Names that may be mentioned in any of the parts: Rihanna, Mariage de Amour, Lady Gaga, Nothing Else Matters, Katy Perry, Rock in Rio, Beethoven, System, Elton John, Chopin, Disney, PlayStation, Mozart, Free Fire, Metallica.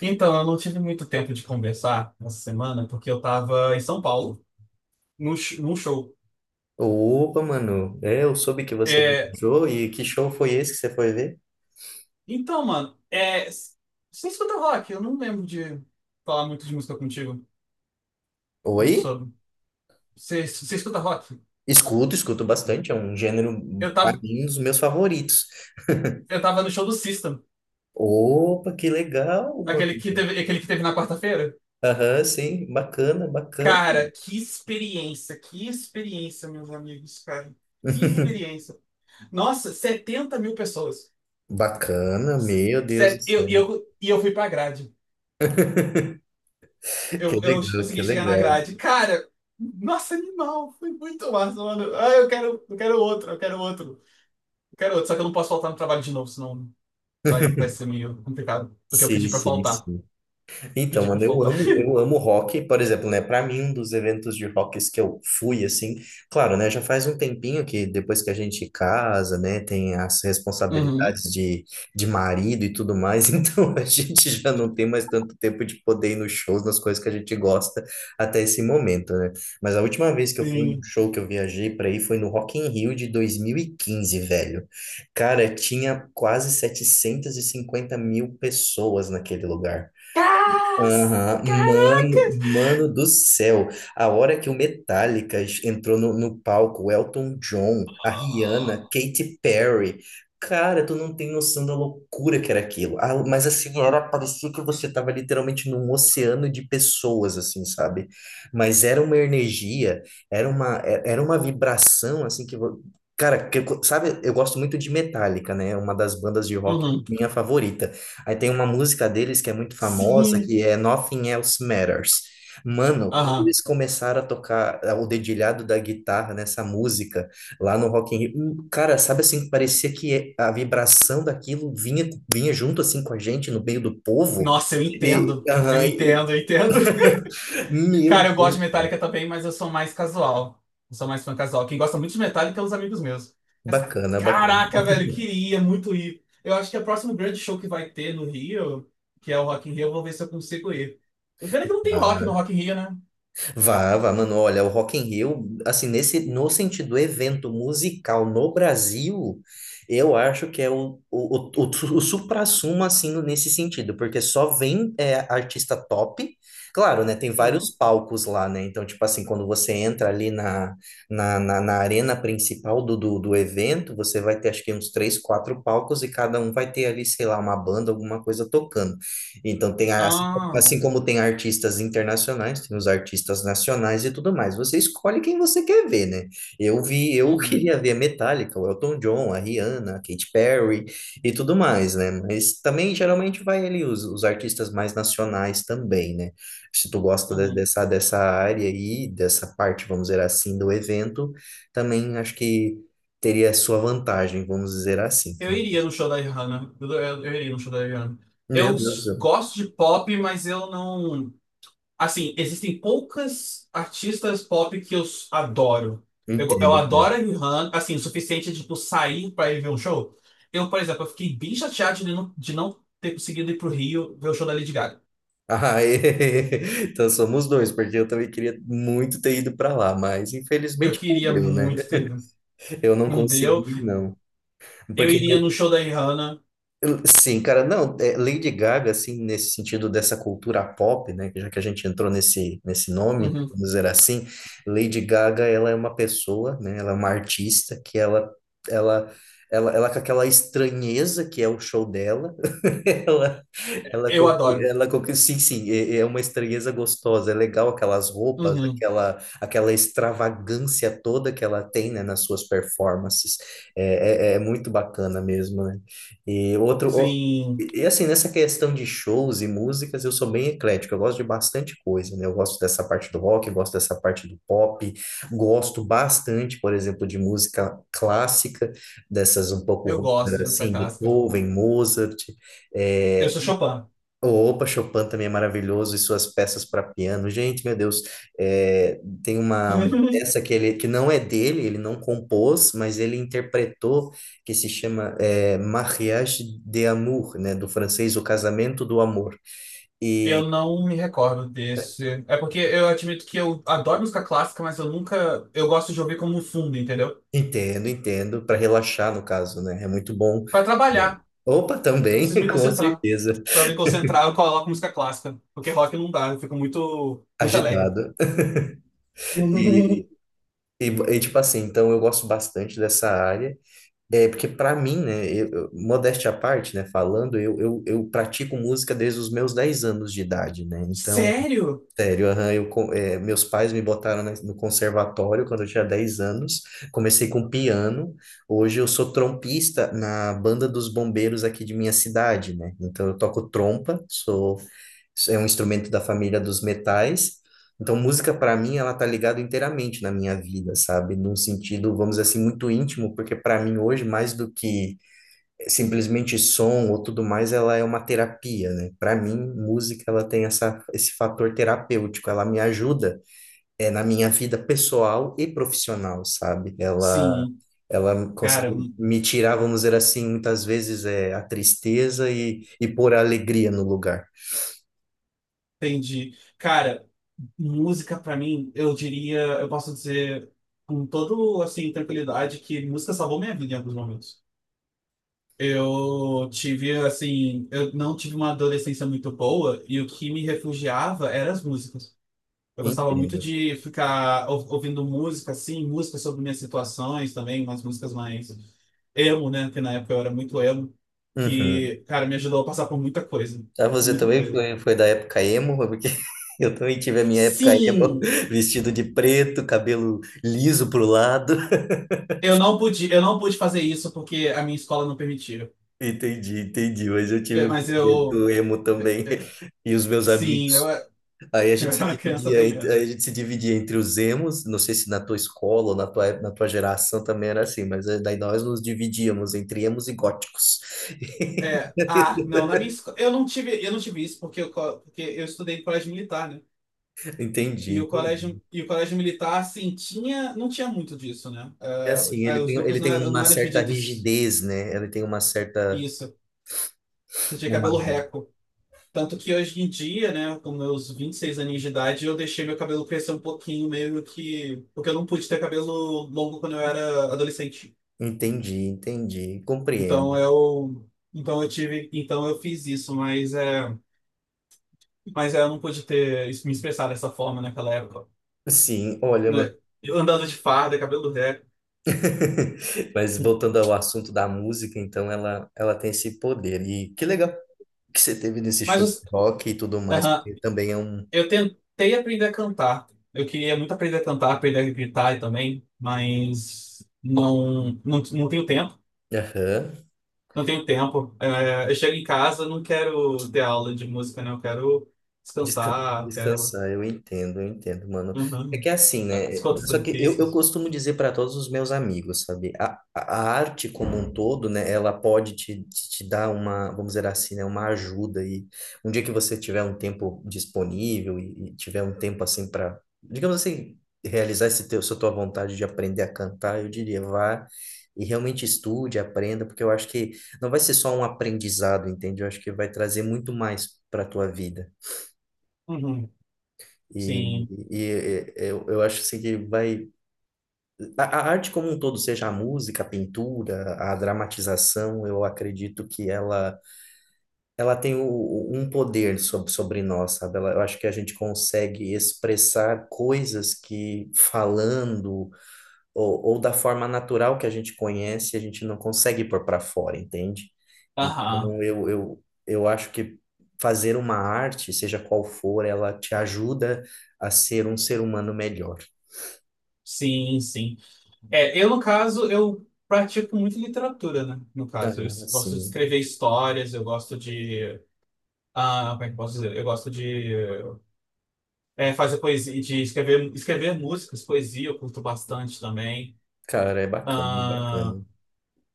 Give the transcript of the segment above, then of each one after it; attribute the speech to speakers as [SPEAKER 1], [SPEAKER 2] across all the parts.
[SPEAKER 1] Então, eu não tive muito tempo de conversar essa semana, porque eu tava em São Paulo, num show.
[SPEAKER 2] Opa, mano, eu soube que você
[SPEAKER 1] É,
[SPEAKER 2] viajou e que show foi esse que você foi ver?
[SPEAKER 1] então, mano, é, s- Você escuta rock? Eu não lembro de falar muito de música contigo, muito
[SPEAKER 2] Oi?
[SPEAKER 1] sobre. Você escuta rock?
[SPEAKER 2] Escuto, escuto bastante, é um gênero,
[SPEAKER 1] Eu
[SPEAKER 2] pra
[SPEAKER 1] tava,
[SPEAKER 2] mim, um dos meus favoritos.
[SPEAKER 1] eu tava no show do System,
[SPEAKER 2] Opa, que legal, mano.
[SPEAKER 1] aquele que teve na quarta-feira.
[SPEAKER 2] Aham, sim, bacana, bacana.
[SPEAKER 1] Cara, que experiência, meus amigos, cara. Que experiência. Nossa, 70.000 pessoas.
[SPEAKER 2] Bacana, meu Deus do céu.
[SPEAKER 1] Eu fui pra grade.
[SPEAKER 2] Que
[SPEAKER 1] Eu
[SPEAKER 2] legal, que
[SPEAKER 1] consegui chegar na
[SPEAKER 2] legal.
[SPEAKER 1] grade. Cara, nossa, animal. Foi muito massa, mano. Ah, eu quero outro. Eu quero outro. Só que eu não posso faltar no trabalho de novo, senão vai ser meio complicado. Porque eu
[SPEAKER 2] Sim,
[SPEAKER 1] pedi pra
[SPEAKER 2] sim,
[SPEAKER 1] faltar.
[SPEAKER 2] sim. Então,
[SPEAKER 1] Pedi pra
[SPEAKER 2] mano, eu
[SPEAKER 1] faltar.
[SPEAKER 2] amo, eu amo rock, por exemplo, né? Para mim, um dos eventos de rocks que eu fui, assim, claro, né? Já faz um tempinho que depois que a gente casa, né? Tem as
[SPEAKER 1] Uhum.
[SPEAKER 2] responsabilidades de marido e tudo mais, então a gente já não tem mais tanto tempo de poder ir nos shows, nas coisas que a gente gosta até esse momento, né? Mas a última vez que eu fui num
[SPEAKER 1] Sim.
[SPEAKER 2] show que eu viajei para ir foi no Rock in Rio de 2015 velho. Cara, tinha quase 750 mil pessoas naquele lugar.
[SPEAKER 1] Cas-
[SPEAKER 2] Aham, mano,
[SPEAKER 1] Caracas!
[SPEAKER 2] mano do céu, a hora que o Metallica entrou no palco, o Elton John, a Rihanna, Katy Perry, cara, tu não tem noção da loucura que era aquilo. Ah, mas assim, era, parecia que você tava literalmente num oceano de pessoas, assim, sabe? Mas era uma energia, era uma, era uma vibração, assim, que, cara, que, sabe, eu gosto muito de Metallica, né? É uma das bandas de rock
[SPEAKER 1] Uhum.
[SPEAKER 2] minha favorita. Aí tem uma música deles que é muito famosa,
[SPEAKER 1] Sim.
[SPEAKER 2] que é Nothing Else Matters. Mano, quando
[SPEAKER 1] Aham.
[SPEAKER 2] eles começaram a tocar o dedilhado da guitarra nessa música, lá no Rock in Rio, cara, sabe assim, parecia que a vibração daquilo vinha, vinha junto assim com a gente, no meio do povo.
[SPEAKER 1] Nossa, eu
[SPEAKER 2] E,
[SPEAKER 1] entendo.
[SPEAKER 2] aham, e-
[SPEAKER 1] Eu entendo.
[SPEAKER 2] meu
[SPEAKER 1] Cara, eu gosto
[SPEAKER 2] Deus,
[SPEAKER 1] de
[SPEAKER 2] cara,
[SPEAKER 1] Metallica também, mas eu sou mais casual. Eu sou mais fã casual. Quem gosta muito de Metallica é os amigos meus. Mas,
[SPEAKER 2] bacana, bacana.
[SPEAKER 1] caraca, velho, queria muito ir. Eu acho que é o próximo grande show que vai ter no Rio, que é o Rock in Rio, eu vou ver se eu consigo ir. O pena é que não tem rock no Rock in Rio, né?
[SPEAKER 2] Vá, vá, mano, olha, o Rock in Rio, assim, nesse, no sentido evento musical no Brasil, eu acho que é o suprassumo, assim, nesse sentido, porque só vem artista top, claro, né, tem vários
[SPEAKER 1] Uhum.
[SPEAKER 2] palcos lá, né, então, tipo assim, quando você entra ali na, na arena principal do evento, você vai ter, acho que uns três, quatro palcos e cada um vai ter ali, sei lá, uma banda, alguma coisa tocando. Então, tem a
[SPEAKER 1] Ah,
[SPEAKER 2] Assim como tem artistas internacionais, tem os artistas nacionais e tudo mais. Você escolhe quem você quer ver, né? Eu vi, eu
[SPEAKER 1] uhum,
[SPEAKER 2] queria ver a Metallica, o Elton John, a Rihanna, a Katy Perry e tudo mais, né? Mas também geralmente vai ali os artistas mais nacionais também, né? Se tu gosta
[SPEAKER 1] uhum.
[SPEAKER 2] dessa, dessa área aí, dessa parte, vamos dizer assim, do evento, também acho que teria sua vantagem, vamos dizer assim.
[SPEAKER 1] Eu iria no show da Rihanna. Eu iria no show da Rihanna.
[SPEAKER 2] Meu
[SPEAKER 1] Eu
[SPEAKER 2] Deus,
[SPEAKER 1] s- gosto de pop, mas eu não. Assim, existem poucas artistas pop que eu s- adoro.
[SPEAKER 2] eu
[SPEAKER 1] Eu adoro a
[SPEAKER 2] entendo.
[SPEAKER 1] Rihanna, assim, o suficiente de tipo, sair pra ir ver um show. Eu, por exemplo, eu fiquei bem chateado de não ter conseguido ir pro Rio ver o show da Lady Gaga.
[SPEAKER 2] Ah, então somos dois, porque eu também queria muito ter ido para lá, mas
[SPEAKER 1] Eu
[SPEAKER 2] infelizmente não
[SPEAKER 1] queria
[SPEAKER 2] deu, né?
[SPEAKER 1] muito ter ido.
[SPEAKER 2] Eu não
[SPEAKER 1] Não deu.
[SPEAKER 2] consegui, não.
[SPEAKER 1] Eu
[SPEAKER 2] Porque,
[SPEAKER 1] iria no show da Rihanna.
[SPEAKER 2] sim, cara, não, Lady Gaga, assim, nesse sentido dessa cultura pop, né? Que já que a gente entrou nesse, nesse nome,
[SPEAKER 1] Uhum.
[SPEAKER 2] vamos dizer assim, Lady Gaga, ela é uma pessoa, né? Ela é uma artista que ela, ela com aquela estranheza que é o show dela, Ela,
[SPEAKER 1] Eu adoro.
[SPEAKER 2] ela, sim, sim, é, é uma estranheza gostosa, é legal aquelas roupas,
[SPEAKER 1] Uhum.
[SPEAKER 2] aquela, aquela extravagância toda que ela tem, né, nas suas performances, é, é, é muito bacana mesmo, né? E outro, o-
[SPEAKER 1] Sim,
[SPEAKER 2] e assim, nessa questão de shows e músicas, eu sou bem eclético, eu gosto de bastante coisa, né? Eu gosto dessa parte do rock, gosto dessa parte do pop, gosto bastante, por exemplo, de música clássica, dessas um pouco,
[SPEAKER 1] eu
[SPEAKER 2] vamos
[SPEAKER 1] gosto
[SPEAKER 2] dizer
[SPEAKER 1] de música
[SPEAKER 2] assim,
[SPEAKER 1] clássica.
[SPEAKER 2] Beethoven, Mozart,
[SPEAKER 1] Eu
[SPEAKER 2] é,
[SPEAKER 1] sou Chopin.
[SPEAKER 2] Opa, Chopin também é maravilhoso e suas peças para piano. Gente, meu Deus, tem uma
[SPEAKER 1] Uhum.
[SPEAKER 2] peça que ele que não é dele, ele não compôs, mas ele interpretou, que se chama Mariage de Amour, né, do francês, O Casamento do Amor.
[SPEAKER 1] Eu
[SPEAKER 2] E
[SPEAKER 1] não me recordo desse. É porque eu admito que eu adoro música clássica, mas eu nunca. Eu gosto de ouvir como um fundo, entendeu?
[SPEAKER 2] entendo, entendo, para relaxar no caso, né? É muito bom.
[SPEAKER 1] Pra trabalhar,
[SPEAKER 2] Opa,
[SPEAKER 1] eu
[SPEAKER 2] também,
[SPEAKER 1] preciso me
[SPEAKER 2] com
[SPEAKER 1] concentrar.
[SPEAKER 2] certeza.
[SPEAKER 1] Pra me concentrar, eu coloco música clássica. Porque rock não dá, eu fico muito alegre.
[SPEAKER 2] Agitado. E, tipo assim, então eu gosto bastante dessa área. É, porque pra mim, né, modéstia à parte, né, falando, eu pratico música desde os meus 10 anos de idade, né, então
[SPEAKER 1] Sério?
[SPEAKER 2] Sério, aham, meus pais me botaram no conservatório quando eu tinha 10 anos. Comecei com piano. Hoje eu sou trompista na banda dos bombeiros aqui de minha cidade, né? Então eu toco trompa, sou, é um instrumento da família dos metais. Então música para mim ela tá ligada inteiramente na minha vida, sabe? Num sentido, vamos dizer assim, muito íntimo, porque para mim hoje mais do que simplesmente som ou tudo mais, ela é uma terapia, né? Para mim, música ela tem essa, esse fator terapêutico, ela me ajuda na minha vida pessoal e profissional, sabe? Ela,
[SPEAKER 1] Sim,
[SPEAKER 2] ela
[SPEAKER 1] cara,
[SPEAKER 2] consegue me tirar, vamos dizer assim, muitas vezes a tristeza e pôr a alegria no lugar.
[SPEAKER 1] entendi. Cara, música pra mim, eu diria, eu posso dizer com toda assim, tranquilidade que música salvou minha vida em alguns momentos. Eu não tive uma adolescência muito boa e o que me refugiava eram as músicas. Eu gostava muito
[SPEAKER 2] Entendo.
[SPEAKER 1] de ficar ouvindo música, assim, música sobre minhas situações também, umas músicas mais emo, né? Que na época eu era muito emo,
[SPEAKER 2] Uhum.
[SPEAKER 1] que, cara, me ajudou a passar por muita coisa.
[SPEAKER 2] Ah, você
[SPEAKER 1] Muita
[SPEAKER 2] também
[SPEAKER 1] coisa.
[SPEAKER 2] foi, foi da época emo, porque eu também tive a minha época emo,
[SPEAKER 1] Sim!
[SPEAKER 2] vestido de preto, cabelo liso pro lado.
[SPEAKER 1] Eu não pude fazer isso porque a minha escola não permitia.
[SPEAKER 2] Entendi, entendi. Mas eu
[SPEAKER 1] É,
[SPEAKER 2] tive um
[SPEAKER 1] Mas eu,
[SPEAKER 2] momento emo também
[SPEAKER 1] é, é,
[SPEAKER 2] e os meus
[SPEAKER 1] sim, eu,
[SPEAKER 2] amigos. Aí a
[SPEAKER 1] eu
[SPEAKER 2] gente
[SPEAKER 1] era
[SPEAKER 2] se
[SPEAKER 1] uma criança
[SPEAKER 2] dividia,
[SPEAKER 1] bem
[SPEAKER 2] aí
[SPEAKER 1] emo.
[SPEAKER 2] a gente se dividia entre os emos. Não sei se na tua escola ou na tua, na tua geração também era assim, mas daí nós nos dividíamos entre emos e góticos.
[SPEAKER 1] É, ah, não, na minha escola, eu não tive isso porque porque eu estudei em colégio militar, né? E
[SPEAKER 2] Entendi,
[SPEAKER 1] o colégio,
[SPEAKER 2] entendi.
[SPEAKER 1] e o colégio militar, assim, não tinha muito disso, né?
[SPEAKER 2] É
[SPEAKER 1] Ah,
[SPEAKER 2] assim,
[SPEAKER 1] ah, os
[SPEAKER 2] ele
[SPEAKER 1] grupos não
[SPEAKER 2] tem
[SPEAKER 1] eram, não
[SPEAKER 2] uma
[SPEAKER 1] eram
[SPEAKER 2] certa
[SPEAKER 1] divididos
[SPEAKER 2] rigidez, né? Ele tem uma certa.
[SPEAKER 1] isso, você tinha
[SPEAKER 2] Uma-
[SPEAKER 1] cabelo reco. Tanto que hoje em dia, né, com meus 26 aninhos de idade, eu deixei meu cabelo crescer um pouquinho, meio que, porque eu não pude ter cabelo longo quando eu era adolescente.
[SPEAKER 2] Entendi, entendi.
[SPEAKER 1] Então
[SPEAKER 2] Compreendo.
[SPEAKER 1] eu, então eu fiz isso, mas eu não pude ter isso- me expressar dessa forma naquela época.
[SPEAKER 2] Sim, olha,
[SPEAKER 1] Né? Eu andando de farda, cabelo ré.
[SPEAKER 2] mas voltando ao assunto da música, então ela tem esse poder. E que legal que você teve nesse
[SPEAKER 1] Mas
[SPEAKER 2] show de
[SPEAKER 1] os-
[SPEAKER 2] rock e tudo mais,
[SPEAKER 1] aham,
[SPEAKER 2] porque também é um.
[SPEAKER 1] eu tentei aprender a cantar. Eu queria muito aprender a cantar, aprender a gritar também, mas não tenho tempo.
[SPEAKER 2] Aham.
[SPEAKER 1] Não tenho tempo. É, eu chego em casa, não quero ter aula de música, né? Eu quero
[SPEAKER 2] Desca-
[SPEAKER 1] quero.
[SPEAKER 2] Descansar, eu entendo, mano. É
[SPEAKER 1] Uhum.
[SPEAKER 2] que é assim, né?
[SPEAKER 1] Escutas
[SPEAKER 2] Só que eu
[SPEAKER 1] difíceis.
[SPEAKER 2] costumo dizer para todos os meus amigos, sabe? A arte como um todo, né? Ela pode te, te dar uma, vamos dizer assim, né? Uma ajuda. E um dia que você tiver um tempo disponível e tiver um tempo assim para, digamos assim, realizar esse teu, essa tua vontade de aprender a cantar, eu diria, vá e realmente estude, aprenda, porque eu acho que não vai ser só um aprendizado, entende? Eu acho que vai trazer muito mais para tua vida.
[SPEAKER 1] Uhum.
[SPEAKER 2] E,
[SPEAKER 1] Sim.
[SPEAKER 2] e eu acho assim que vai. A arte como um todo, seja a música, a pintura, a dramatização, eu acredito que ela tem um poder sobre, sobre nós, sabe? Ela, eu acho que a gente consegue expressar coisas que falando ou da forma natural que a gente conhece, a gente não consegue pôr para fora, entende?
[SPEAKER 1] Aham.
[SPEAKER 2] Então, eu acho que fazer uma arte, seja qual for, ela te ajuda a ser um ser humano melhor.
[SPEAKER 1] Sim, sim. É, eu, no caso, eu pratico muito literatura, né? No caso, eu
[SPEAKER 2] Ah,
[SPEAKER 1] es- gosto de
[SPEAKER 2] sim,
[SPEAKER 1] escrever histórias, eu gosto de. Ah, como é que eu posso dizer? Eu gosto de fazer poesia, de escrever, escrever músicas, poesia, eu curto bastante também.
[SPEAKER 2] cara, é bacana, é
[SPEAKER 1] Ah,
[SPEAKER 2] bacana.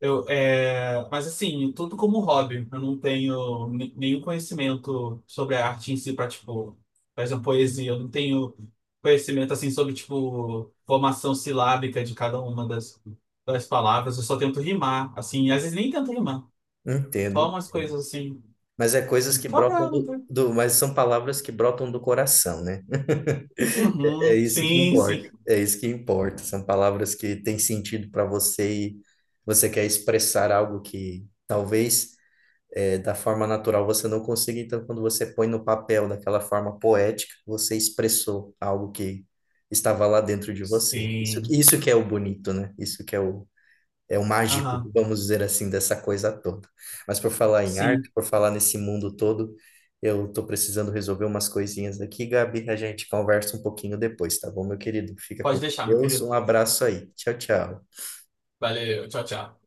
[SPEAKER 1] Mas assim, tudo como hobby. Eu não tenho ni- nenhum conhecimento sobre a arte em si para, tipo, por exemplo, poesia. Eu não tenho conhecimento assim sobre, tipo, formação silábica de cada uma das, das palavras. Eu só tento rimar, assim, às vezes nem tento rimar.
[SPEAKER 2] Entendo.
[SPEAKER 1] Só
[SPEAKER 2] Hein?
[SPEAKER 1] umas coisas assim,
[SPEAKER 2] Mas é coisas que
[SPEAKER 1] só
[SPEAKER 2] brotam
[SPEAKER 1] pra...
[SPEAKER 2] do mas são palavras que brotam do coração, né? É
[SPEAKER 1] Uhum,
[SPEAKER 2] isso que
[SPEAKER 1] sim,
[SPEAKER 2] importa.
[SPEAKER 1] sim.
[SPEAKER 2] É isso que importa. São palavras que têm sentido para você e você quer expressar algo que talvez da forma natural você não consegue, então quando você põe no papel daquela forma poética, você expressou algo que estava lá dentro de você. Isso,
[SPEAKER 1] Sim.
[SPEAKER 2] isso que é o bonito, né? Isso que é é o mágico,
[SPEAKER 1] Aham,
[SPEAKER 2] vamos dizer assim, dessa coisa toda. Mas por falar em arte,
[SPEAKER 1] sim.
[SPEAKER 2] por falar nesse mundo todo, eu estou precisando resolver umas coisinhas daqui, Gabi, a gente conversa um pouquinho depois, tá bom, meu querido? Fica
[SPEAKER 1] Pode
[SPEAKER 2] com
[SPEAKER 1] deixar, meu
[SPEAKER 2] Deus, um
[SPEAKER 1] querido.
[SPEAKER 2] abraço aí. Tchau, tchau.
[SPEAKER 1] Valeu, tchau, tchau.